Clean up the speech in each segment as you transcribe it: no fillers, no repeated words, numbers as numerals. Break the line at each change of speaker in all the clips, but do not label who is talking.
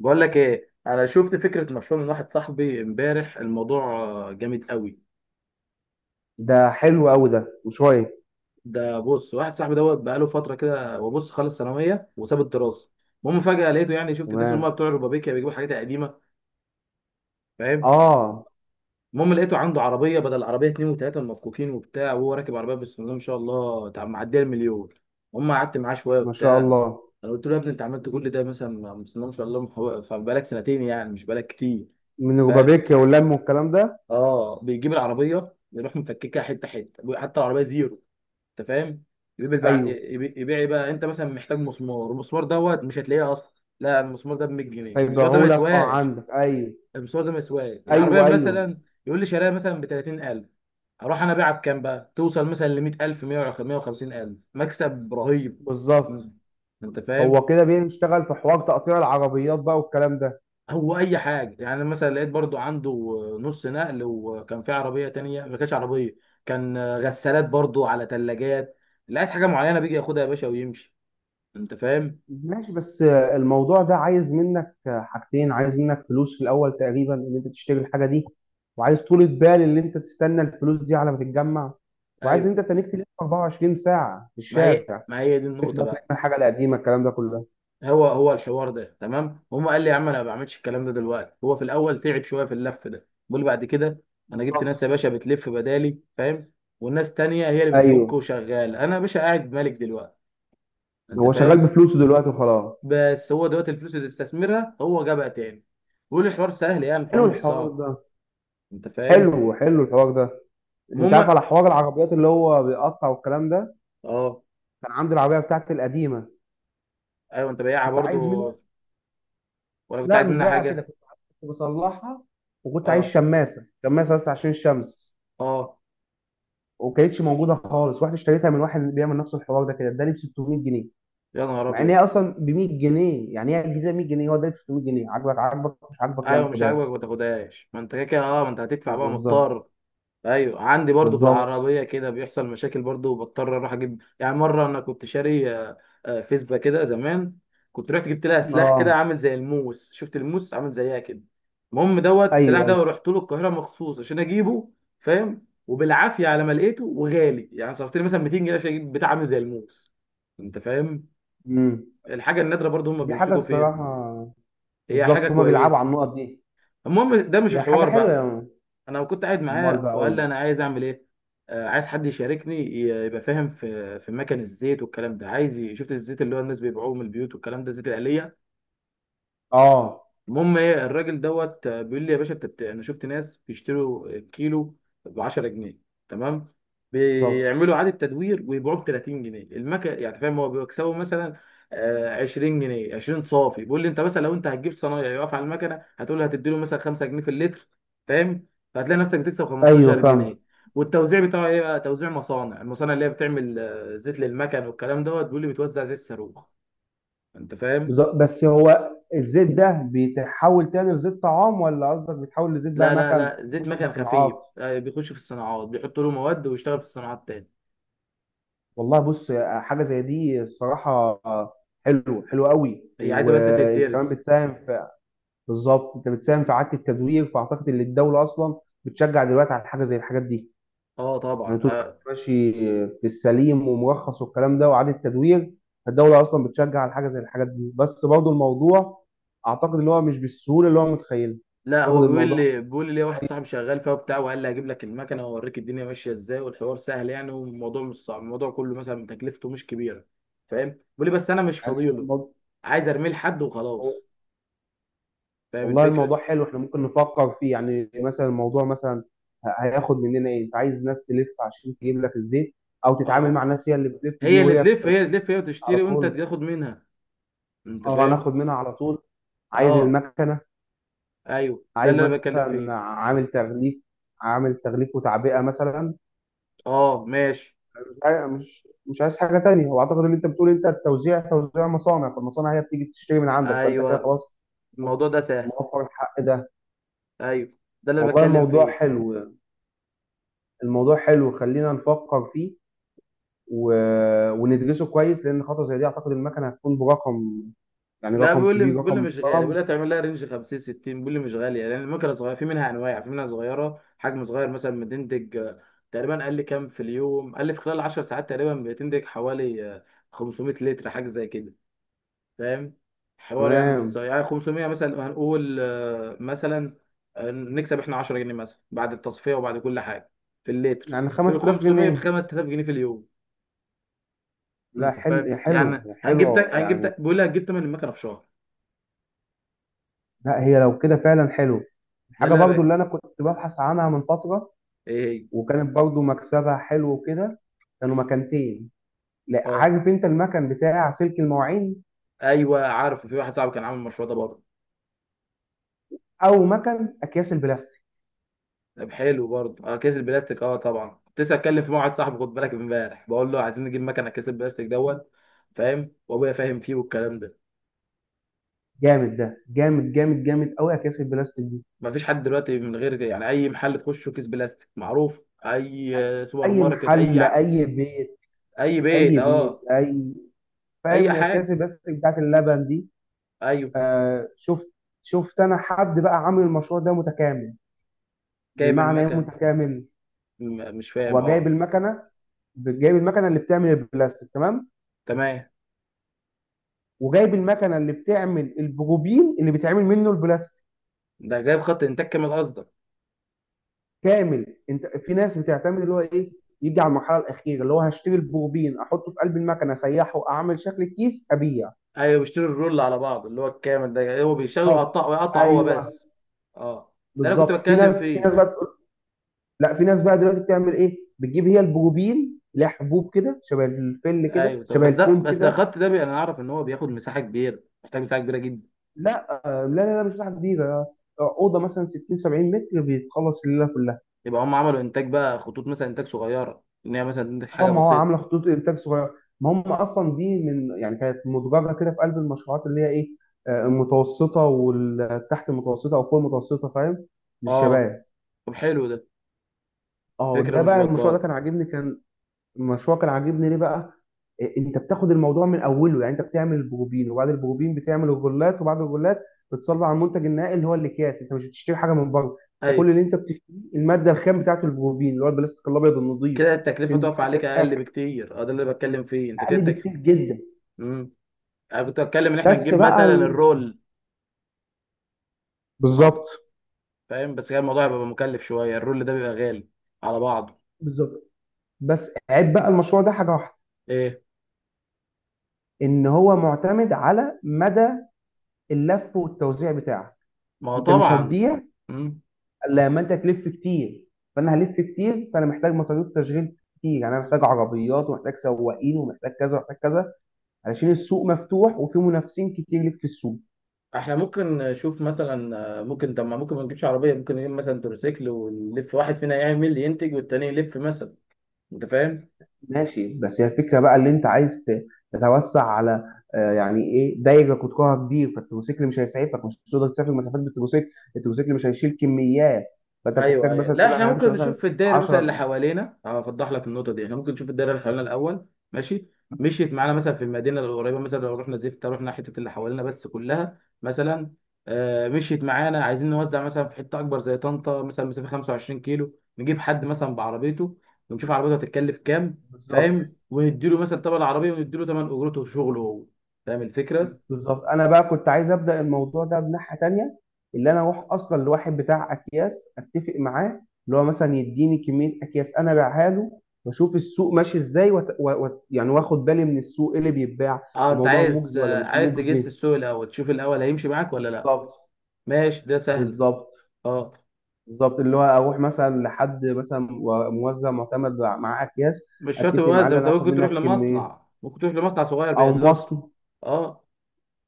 بقول لك ايه، انا شفت فكره مشروع من واحد صاحبي امبارح، الموضوع جامد قوي.
ده حلو قوي، ده وشوية.
ده بص، واحد صاحبي دوت بقاله فتره كده، وبص خلص ثانويه وساب الدراسه. المهم فجاه لقيته، يعني شفت الناس اللي
تمام.
هم بتوع الربابيكيا بيجيبوا حاجات قديمه. فاهم.
اه.
المهم لقيته عنده عربيه، بدل العربيه اتنين وتلاته المفكوكين وبتاع، وهو راكب عربيه بسم الله ما شاء الله، معديه المليون. هم قعدت معاه شويه
ما شاء
وبتاع.
الله.
انا قلت له يا ابني انت عملت كل ده مثلا؟ بسم الله ما شاء الله. فبقالك سنتين، يعني مش بقالك كتير.
من
فاهم؟
ربابيكيا واللم والكلام ده.
اه بيجيب العربيه يروح مفككها حته حته، حتى العربيه زيرو. انت فاهم؟ يبيع بقى.
ايوه.
يبيع إيه بقى؟ انت مثلا محتاج مسمار، المسمار دوت مش هتلاقيه اصلا. لا، المسمار ده ب 100 جنيه، المسمار ده ما
فيبيعوا لك، اه،
يسواش.
عندك. ايوه.
المسمار ده ما يسواش.
ايوه.
العربيه
ايوه.
مثلا يقول لي شرايها مثلا ب 30,000. اروح انا ابيعها بكام بقى؟ توصل مثلا ل 100,000، 150,000. مكسب رهيب. مم.
بالظبط.
انت فاهم.
هو كده بيشتغل في حوار تقطيع العربيات بقى والكلام ده.
هو اي حاجه، يعني مثلا لقيت برضو عنده نص نقل، وكان في عربيه تانية ما كانتش عربيه، كان غسالات، برضو على ثلاجات. لا، عايز حاجه معينه بيجي ياخدها يا باشا ويمشي. انت فاهم.
ماشي، بس الموضوع ده عايز منك حاجتين: عايز منك فلوس في الاول تقريبا ان انت تشتري الحاجة دي، وعايز طولة بال ان انت تستنى الفلوس دي على ما تتجمع، وعايز
ايوه.
ان انت تنيك تلف 24 ساعة في
ما هي
الشارع،
ما هي دي النقطه
تكبر، تعمل
بقى.
الحاجة القديمة، الكلام ده كله.
هو الحوار ده تمام. هم قال لي يا عم انا ما بعملش الكلام ده دلوقتي، هو في الاول تعب شويه في اللف ده، بيقول بعد كده انا جبت ناس يا
بالظبط.
باشا بتلف بدالي، فاهم، والناس تانية هي اللي بتفك
ايوه.
وشغال، انا يا باشا قاعد مالك دلوقتي. انت
هو شغال
فاهم.
بفلوسه دلوقتي وخلاص.
بس هو دلوقتي الفلوس اللي استثمرها هو جابها تاني. بيقول الحوار سهل، يعني الحوار
حلو
مش
الحوار
صعب.
ده.
انت فاهم.
حلو، حلو الحوار ده. انت عارف
المهم.
على حوار العربيات اللي هو بيقطع والكلام ده؟
اه.
كان عندي العربيه بتاعتي القديمه.
ايوه انت بياعها
كنت عايز
برضو؟
منها.
ولا كنت
لا،
عايز
مش
منها
بيها كده.
حاجه؟
كنت بصلحها. وكنت عايز
اه.
شماسه، شماسه بس عشان الشمس.
اه.
وكانتش موجوده خالص، رحت اشتريتها من واحد بيعمل نفس الحوار ده كده، اداني ب 600 جنيه.
يا نهار
مع ان هي
ابيض.
اصلا ب 100 جنيه، يعني هي جديده 100 جنيه، هو اداني ب 600 جنيه. عاجبك عاجبك، مش عاجبك لا
ايوه،
ما
مش
خدهاش.
عاجبك ما تاخدهاش، ما انت كده كده اه، ما انت هتدفع بقى
بالظبط.
مضطر. ايوه عندي برضو في
بالظبط.
العربيه كده بيحصل مشاكل برضو، وبضطر اروح اجيب. يعني مره انا كنت شاري فيسبا كده زمان، كنت رحت جبت لها سلاح كده
اه.
عامل زي الموس، شفت الموس عامل زيها كده. المهم دوت السلاح
ايوه.
ده،
أيوه.
ورحت له القاهره مخصوص عشان اجيبه. فاهم. وبالعافيه على ما لقيته، وغالي يعني، صرفت لي مثلا 200 جنيه عشان اجيب بتاع عامل زي الموس. انت فاهم.
امم.
الحاجه النادره برضو هم
دي حاجة
بيمسكوا فيها.
الصراحة.
هي حاجه
بالظبط، هما بيلعبوا
كويسه.
على النقط دي.
المهم ده مش
هي حاجة
الحوار
حلوة.
بقى. انا كنت قاعد
امال
معاه
بقى قول
وقال لي
لي.
انا عايز اعمل ايه. عايز حد يشاركني يبقى فاهم في مكان الزيت والكلام ده. عايز شفت الزيت اللي هو الناس بيبيعوه من البيوت والكلام ده، الزيت الآلية.
اه.
المهم ايه؟ الراجل دوت بيقول لي يا باشا انت انا شفت ناس بيشتروا كيلو ب 10 جنيه، تمام،
بالظبط.
بيعملوا اعاده تدوير ويبيعوه ب 30 جنيه المكن، يعني فاهم؟ هو بيكسبوا مثلا 20 جنيه، 20 صافي. بيقول لي انت مثلا لو انت هتجيب صنايعي يقف على المكنه هتقول له، هتدي له مثلا 5 جنيه في اللتر، فاهم، فهتلاقي نفسك بتكسب
ايوه
15
فاهم.
جنيه والتوزيع بتاعه ايه بقى؟ توزيع مصانع، المصانع اللي هي بتعمل زيت للمكن والكلام دوت، بيقول لي بتوزع زيت صاروخ. انت فاهم.
بالظبط. بس هو الزيت ده بيتحول تاني لزيت طعام، ولا قصدك بيتحول لزيت بقى
لا لا
مكن
لا، زيت
تخش في
مكن
الصناعات؟
خفيف بيخش في الصناعات، بيحطوا له مواد ويشتغل في الصناعات تاني.
والله بص، حاجة زي دي الصراحة حلو، حلو قوي.
هي عايزه بس
وانت كمان
تدرس.
بتساهم في... بالظبط، انت بتساهم في إعادة التدوير، فاعتقد ان الدولة اصلا بتشجع دلوقتي على حاجة زي الحاجات دي.
اه
يعني
طبعا.
طول ما
آه.
انت ماشي في السليم ومرخص والكلام ده وإعادة تدوير، الدولة أصلا بتشجع على حاجة زي الحاجات دي. بس برضه الموضوع أعتقد إن هو مش بالسهولة اللي هو متخيلها.
لا هو
أعتقد
بيقول
الموضوع،
لي بيقول لي ليه، واحد صاحبي شغال فيها وبتاع، وقال لي هجيب لك المكنه واوريك الدنيا ماشيه ازاي، والحوار سهل يعني، والموضوع مش صعب، الموضوع كله مثلا تكلفته مش كبيره. فاهم. بيقول لي بس انا مش
يعني
فاضيله،
الموضوع...
عايز ارميه لحد وخلاص. فاهم
والله
الفكره.
الموضوع حلو، إحنا ممكن نفكر فيه. يعني مثلا الموضوع مثلا هياخد مننا إيه؟ أنت عايز ناس تلف عشان تجيب لك الزيت، أو تتعامل
اه
مع ناس هي اللي بتلف دي،
هي اللي
وهي
تلف هي اللي تلف هي
على
وتشتري، وانت
طول.
تاخد منها. انت
أه،
فاهم.
ناخد منها على طول. عايز
اه.
المكنة،
ايوه، ده
عايز
اللي انا بتكلم فيه.
مثلا عامل تغليف، عامل تغليف وتعبئه مثلا.
اه ماشي.
مش عايز حاجه تانية. هو اعتقد اللي انت بتقول انت التوزيع توزيع مصانع، فالمصانع هي بتيجي تشتري من عندك، فانت كده
ايوه
خلاص
الموضوع ده سهل.
موفر الحق ده.
ايوه ده اللي
والله
بتكلم
الموضوع
فيه.
حلو، الموضوع حلو، خلينا نفكر فيه و... وندرسه كويس، لان خطوه زي دي اعتقد المكنه هتكون برقم، يعني
لا
رقم
بيقول لي
كبير،
بيقول لي
رقم
مش غالي، بيقول
محترم.
لي تعمل لها رينج 50، 60، بيقول لي مش غاليه لان المكنه صغيره، في منها انواع، في منها صغيره حجم صغير مثلا بتنتج تقريبا. قال لي كام في اليوم؟ قال لي في خلال 10 ساعات تقريبا بتنتج حوالي 500 لتر حاجه زي كده. فاهم، حوار يعني، مش
تمام.
يعني 500. مثلا هنقول مثلا نكسب احنا 10 جنيه مثلا بعد التصفيه وبعد كل حاجه في اللتر،
يعني
في
5000
500 ب
جنيه
5000 جنيه في اليوم.
لا،
انت فاهم،
حلو
يعني
حلو
هنجيب تك
حلو
هنجيب
يعني.
تك بيقول لي هتجيب تمن المكنه في شهر.
لا هي لو كده فعلا حلو.
ده
حاجة
اللي انا
برضو اللي
بقى.
أنا كنت ببحث عنها من فترة،
ايه هي؟
وكانت برضو مكسبها حلو وكده. كانوا مكانتين. لا،
اه
عارف أنت المكان بتاع سلك المواعين،
ايوه عارف، في واحد صاحبي كان عامل المشروع ده برضه.
أو مكان أكياس البلاستيك؟
طب حلو برضه، اه كيس البلاستيك، اه طبعا كنت لسه اتكلم مع واحد صاحبي، خد بالك، امبارح بقول له عايزين نجيب مكنه كيس البلاستيك دوت. فاهم، وابويا فاهم فيه والكلام ده.
جامد ده، جامد جامد جامد أوي أكياس البلاستيك دي.
مفيش حد دلوقتي من غير كده. يعني اي محل تخشه كيس بلاستيك معروف. اي سوبر
أي
ماركت، اي
محل، أي بيت،
اي بيت.
أي بيت،
اه.
أي...
اي
فاهم أكياس
حاجه.
البلاستيك بتاعت اللبن دي؟
ايوه.
آه، شفت. شفت أنا حد بقى عامل المشروع ده متكامل.
جايب
بمعنى إيه
المكنه.
متكامل؟
مش فاهم.
هو جايب
اه.
المكنة، جايب المكنة اللي بتعمل البلاستيك تمام،
تمام.
وجايب المكنه اللي بتعمل البروبين اللي بيتعمل منه البلاستيك.
ده جايب خط انتاج كامل قصدك؟
كامل. انت في ناس بتعتمد اللي هو ايه: يجي على المرحله الاخيره اللي هو هشتري البروبين، احطه في قلب المكنه، اسيحه، اعمل شكل الكيس، ابيع.
ايوه بيشتري الرول على بعض، اللي هو الكامل ده هو بيشتغل
بالظبط.
ويقطع ويقطع هو
ايوه.
بس. اه، ده انا كنت
بالظبط. في
بتكلم
ناس في
فيه.
ناس بقى تقول... لا، في ناس بقى دلوقتي بتعمل ايه، بتجيب هي البروبين، لها حبوب كده شبه الفل كده،
ايوه. طب
شبه
بس ده
الفوم
بس ده
كده.
الخط ده انا اعرف ان هو بياخد مساحه كبيره، محتاج مساحه كبيره جدا.
لا، لا، لا، لا مش مساحه كبيره. اوضه مثلا 60 70 متر بيتخلص الليله كلها.
يبقى هم عملوا انتاج بقى، خطوط مثلا انتاج صغيره، ان هي مثلا تنتج
اه،
حاجه
ما هو
بسيطه.
عامله خطوط انتاج صغيره. ما هم اصلا دي من، يعني كانت مدرجه كده في قلب المشروعات اللي هي ايه، المتوسطه والتحت المتوسطه او فوق المتوسطه، فاهم،
اه.
للشباب.
طب حلو ده،
اه.
فكره
ده
مش
بقى المشروع ده
بطاله.
كان عاجبني، كان... المشروع كان عاجبني ليه بقى؟ انت بتاخد الموضوع من اوله، يعني انت بتعمل البروبين وبعد البروبين بتعمل الغلات وبعد الغلات بتصلب على المنتج النهائي اللي هو الاكياس. انت مش بتشتري حاجه من بره، انت
ايوه
كل اللي انت بتشتريه الماده الخام بتاعته البروبين اللي هو البلاستيك الابيض النظيف.
كده التكلفه
عشان دي
تقف عليك
اكياس
اقل
اكل.
بكتير. اه ده اللي بتكلم فيه. انت كده
اقل بكتير جدا.
مم. انا كنت بتكلم ان احنا
بس
نجيب
بقى
مثلا
ال-
الرول،
بالظبط.
فاهم، بس كان الموضوع هيبقى مكلف شويه، الرول ده بيبقى غالي على بعضه.
بالظبط. بس عيب بقى المشروع ده حاجه واحده:
ايه؟
ان هو معتمد على مدى اللف والتوزيع بتاعك.
ما هو
انت مش
طبعا.
هتبيع
مم.
الا لما انت تلف كتير. فانا هلف كتير، فانا محتاج مصاريف تشغيل كتير، يعني انا محتاج عربيات، ومحتاج سواقين، ومحتاج كذا ومحتاج كذا، علشان السوق مفتوح وفي منافسين كتير ليك في السوق.
احنا ممكن نشوف مثلا، ممكن ما نجيبش عربيه، ممكن نجيب مثلا تروسيكل ونلف، واحد فينا يعمل ينتج والتاني يلف مثلا. انت فاهم.
ماشي، بس هي الفكره بقى اللي انت عايز تتوسع على، يعني ايه، دايره قطرها كبير، فالتروسيكل مش هيسعفك، مش هتقدر تسافر مسافات بالتروسيكل. التروسيكل مش هيشيل كميات. فانت
ايوه
بتحتاج
ايوه
مثلا
لا
تقول
احنا
انا همشي
ممكن
مثلا
نشوف في الدايره مثلا اللي
10.
حوالينا. هوضح لك النقطه دي، احنا ممكن نشوف الدايره اللي حوالينا الاول. ماشي، مشيت معانا مثلا في المدينه القريبه مثلا، لو رحنا زفت، رحنا حته اللي حوالينا بس كلها مثلا مشيت معانا، عايزين نوزع مثلا في حته اكبر زي طنطا مثلا، مسافه 25 كيلو، نجيب حد مثلا بعربيته، ونشوف عربيته هتتكلف كام.
بالظبط.
فاهم، ونديله مثلا تمن العربيه، ونديله تمن اجرته وشغله هو. فاهم الفكره.
بالظبط. انا بقى كنت عايز ابدا الموضوع ده بناحيه تانيه، اللي انا اروح اصلا لواحد بتاع اكياس، اتفق معاه اللي هو مثلا يديني كميه اكياس انا ابيعها له، واشوف السوق ماشي ازاي يعني واخد بالي من السوق إيه اللي بيتباع،
اه انت
الموضوع
عايز
مجزي ولا مش
عايز تجس
مجزي.
السوق الاول، تشوف الاول هيمشي معاك ولا لا.
بالظبط.
ماشي ده سهل.
بالظبط.
اه.
بالظبط، اللي هو اروح مثلا لحد مثلا موزع معتمد مع اكياس،
مش شرط
اتفق معاه
يوزع،
ان
انت
انا اخد
ممكن تروح
منك
لمصنع،
كميه،
ممكن تروح لمصنع صغير
او
بيقلب.
مصنع،
اه.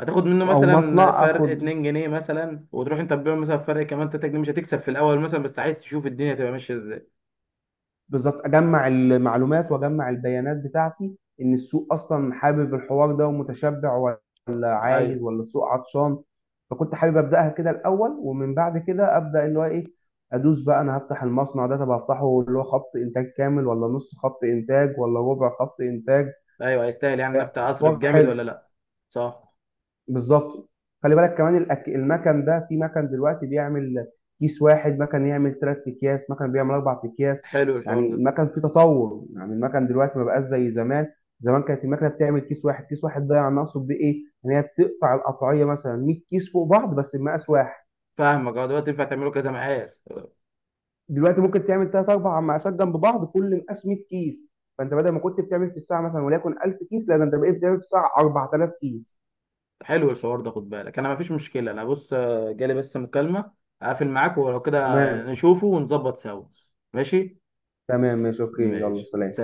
هتاخد منه
او
مثلا
مصنع،
فرق
اخد
2 جنيه مثلا، وتروح انت تبيعه مثلا فرق كمان 3 جنيه، مش هتكسب في الاول مثلا، بس عايز تشوف الدنيا تبقى ماشيه ازاي.
بالظبط، اجمع المعلومات واجمع البيانات بتاعتي ان السوق اصلا حابب الحوار ده ومتشبع، ولا
ايوه.
عايز ولا السوق عطشان. فكنت حابب ابداها كده الاول، ومن بعد كده ابدا اللي هو ايه، ادوس بقى انا هفتح المصنع ده. طب هفتحه اللي هو خط انتاج كامل، ولا نص خط انتاج، ولا ربع خط انتاج؟
ايوه هيستاهل يعني،
آه،
النفط اصرف
حوار
جامد
حلو.
ولا لا؟ صح.
بالظبط. خلي بالك كمان المكن ده، في مكن دلوقتي بيعمل كيس واحد، مكن يعمل ثلاث اكياس، مكن بيعمل اربع اكياس.
حلو الحوار
يعني
ده.
المكن فيه تطور، يعني المكن دلوقتي ما بقاش زي زمان. زمان كانت المكنه بتعمل كيس واحد. كيس واحد ده يعني اقصد بيه ايه، ان هي بتقطع القطعيه مثلا 100 كيس فوق بعض بس بمقاس واحد.
فاهمك، اه دلوقتي ينفع تعمله كذا مقاس.
دلوقتي ممكن تعمل ثلاث اربع مقاسات جنب بعض، كل مقاس 100 كيس. فانت بدل ما كنت بتعمل في الساعه مثلا وليكن 1000 كيس، لا ده انت بقيت بتعمل في الساعه 4000 كيس.
حلو الحوار ده. خد بالك انا مفيش مشكله، انا بص جالي بس مكالمه، اقفل معاك، ولو كده
تمام.
نشوفه ونظبط سوا. ماشي.
تمام، ماشي، اوكي، يلا سلام.
ماشي.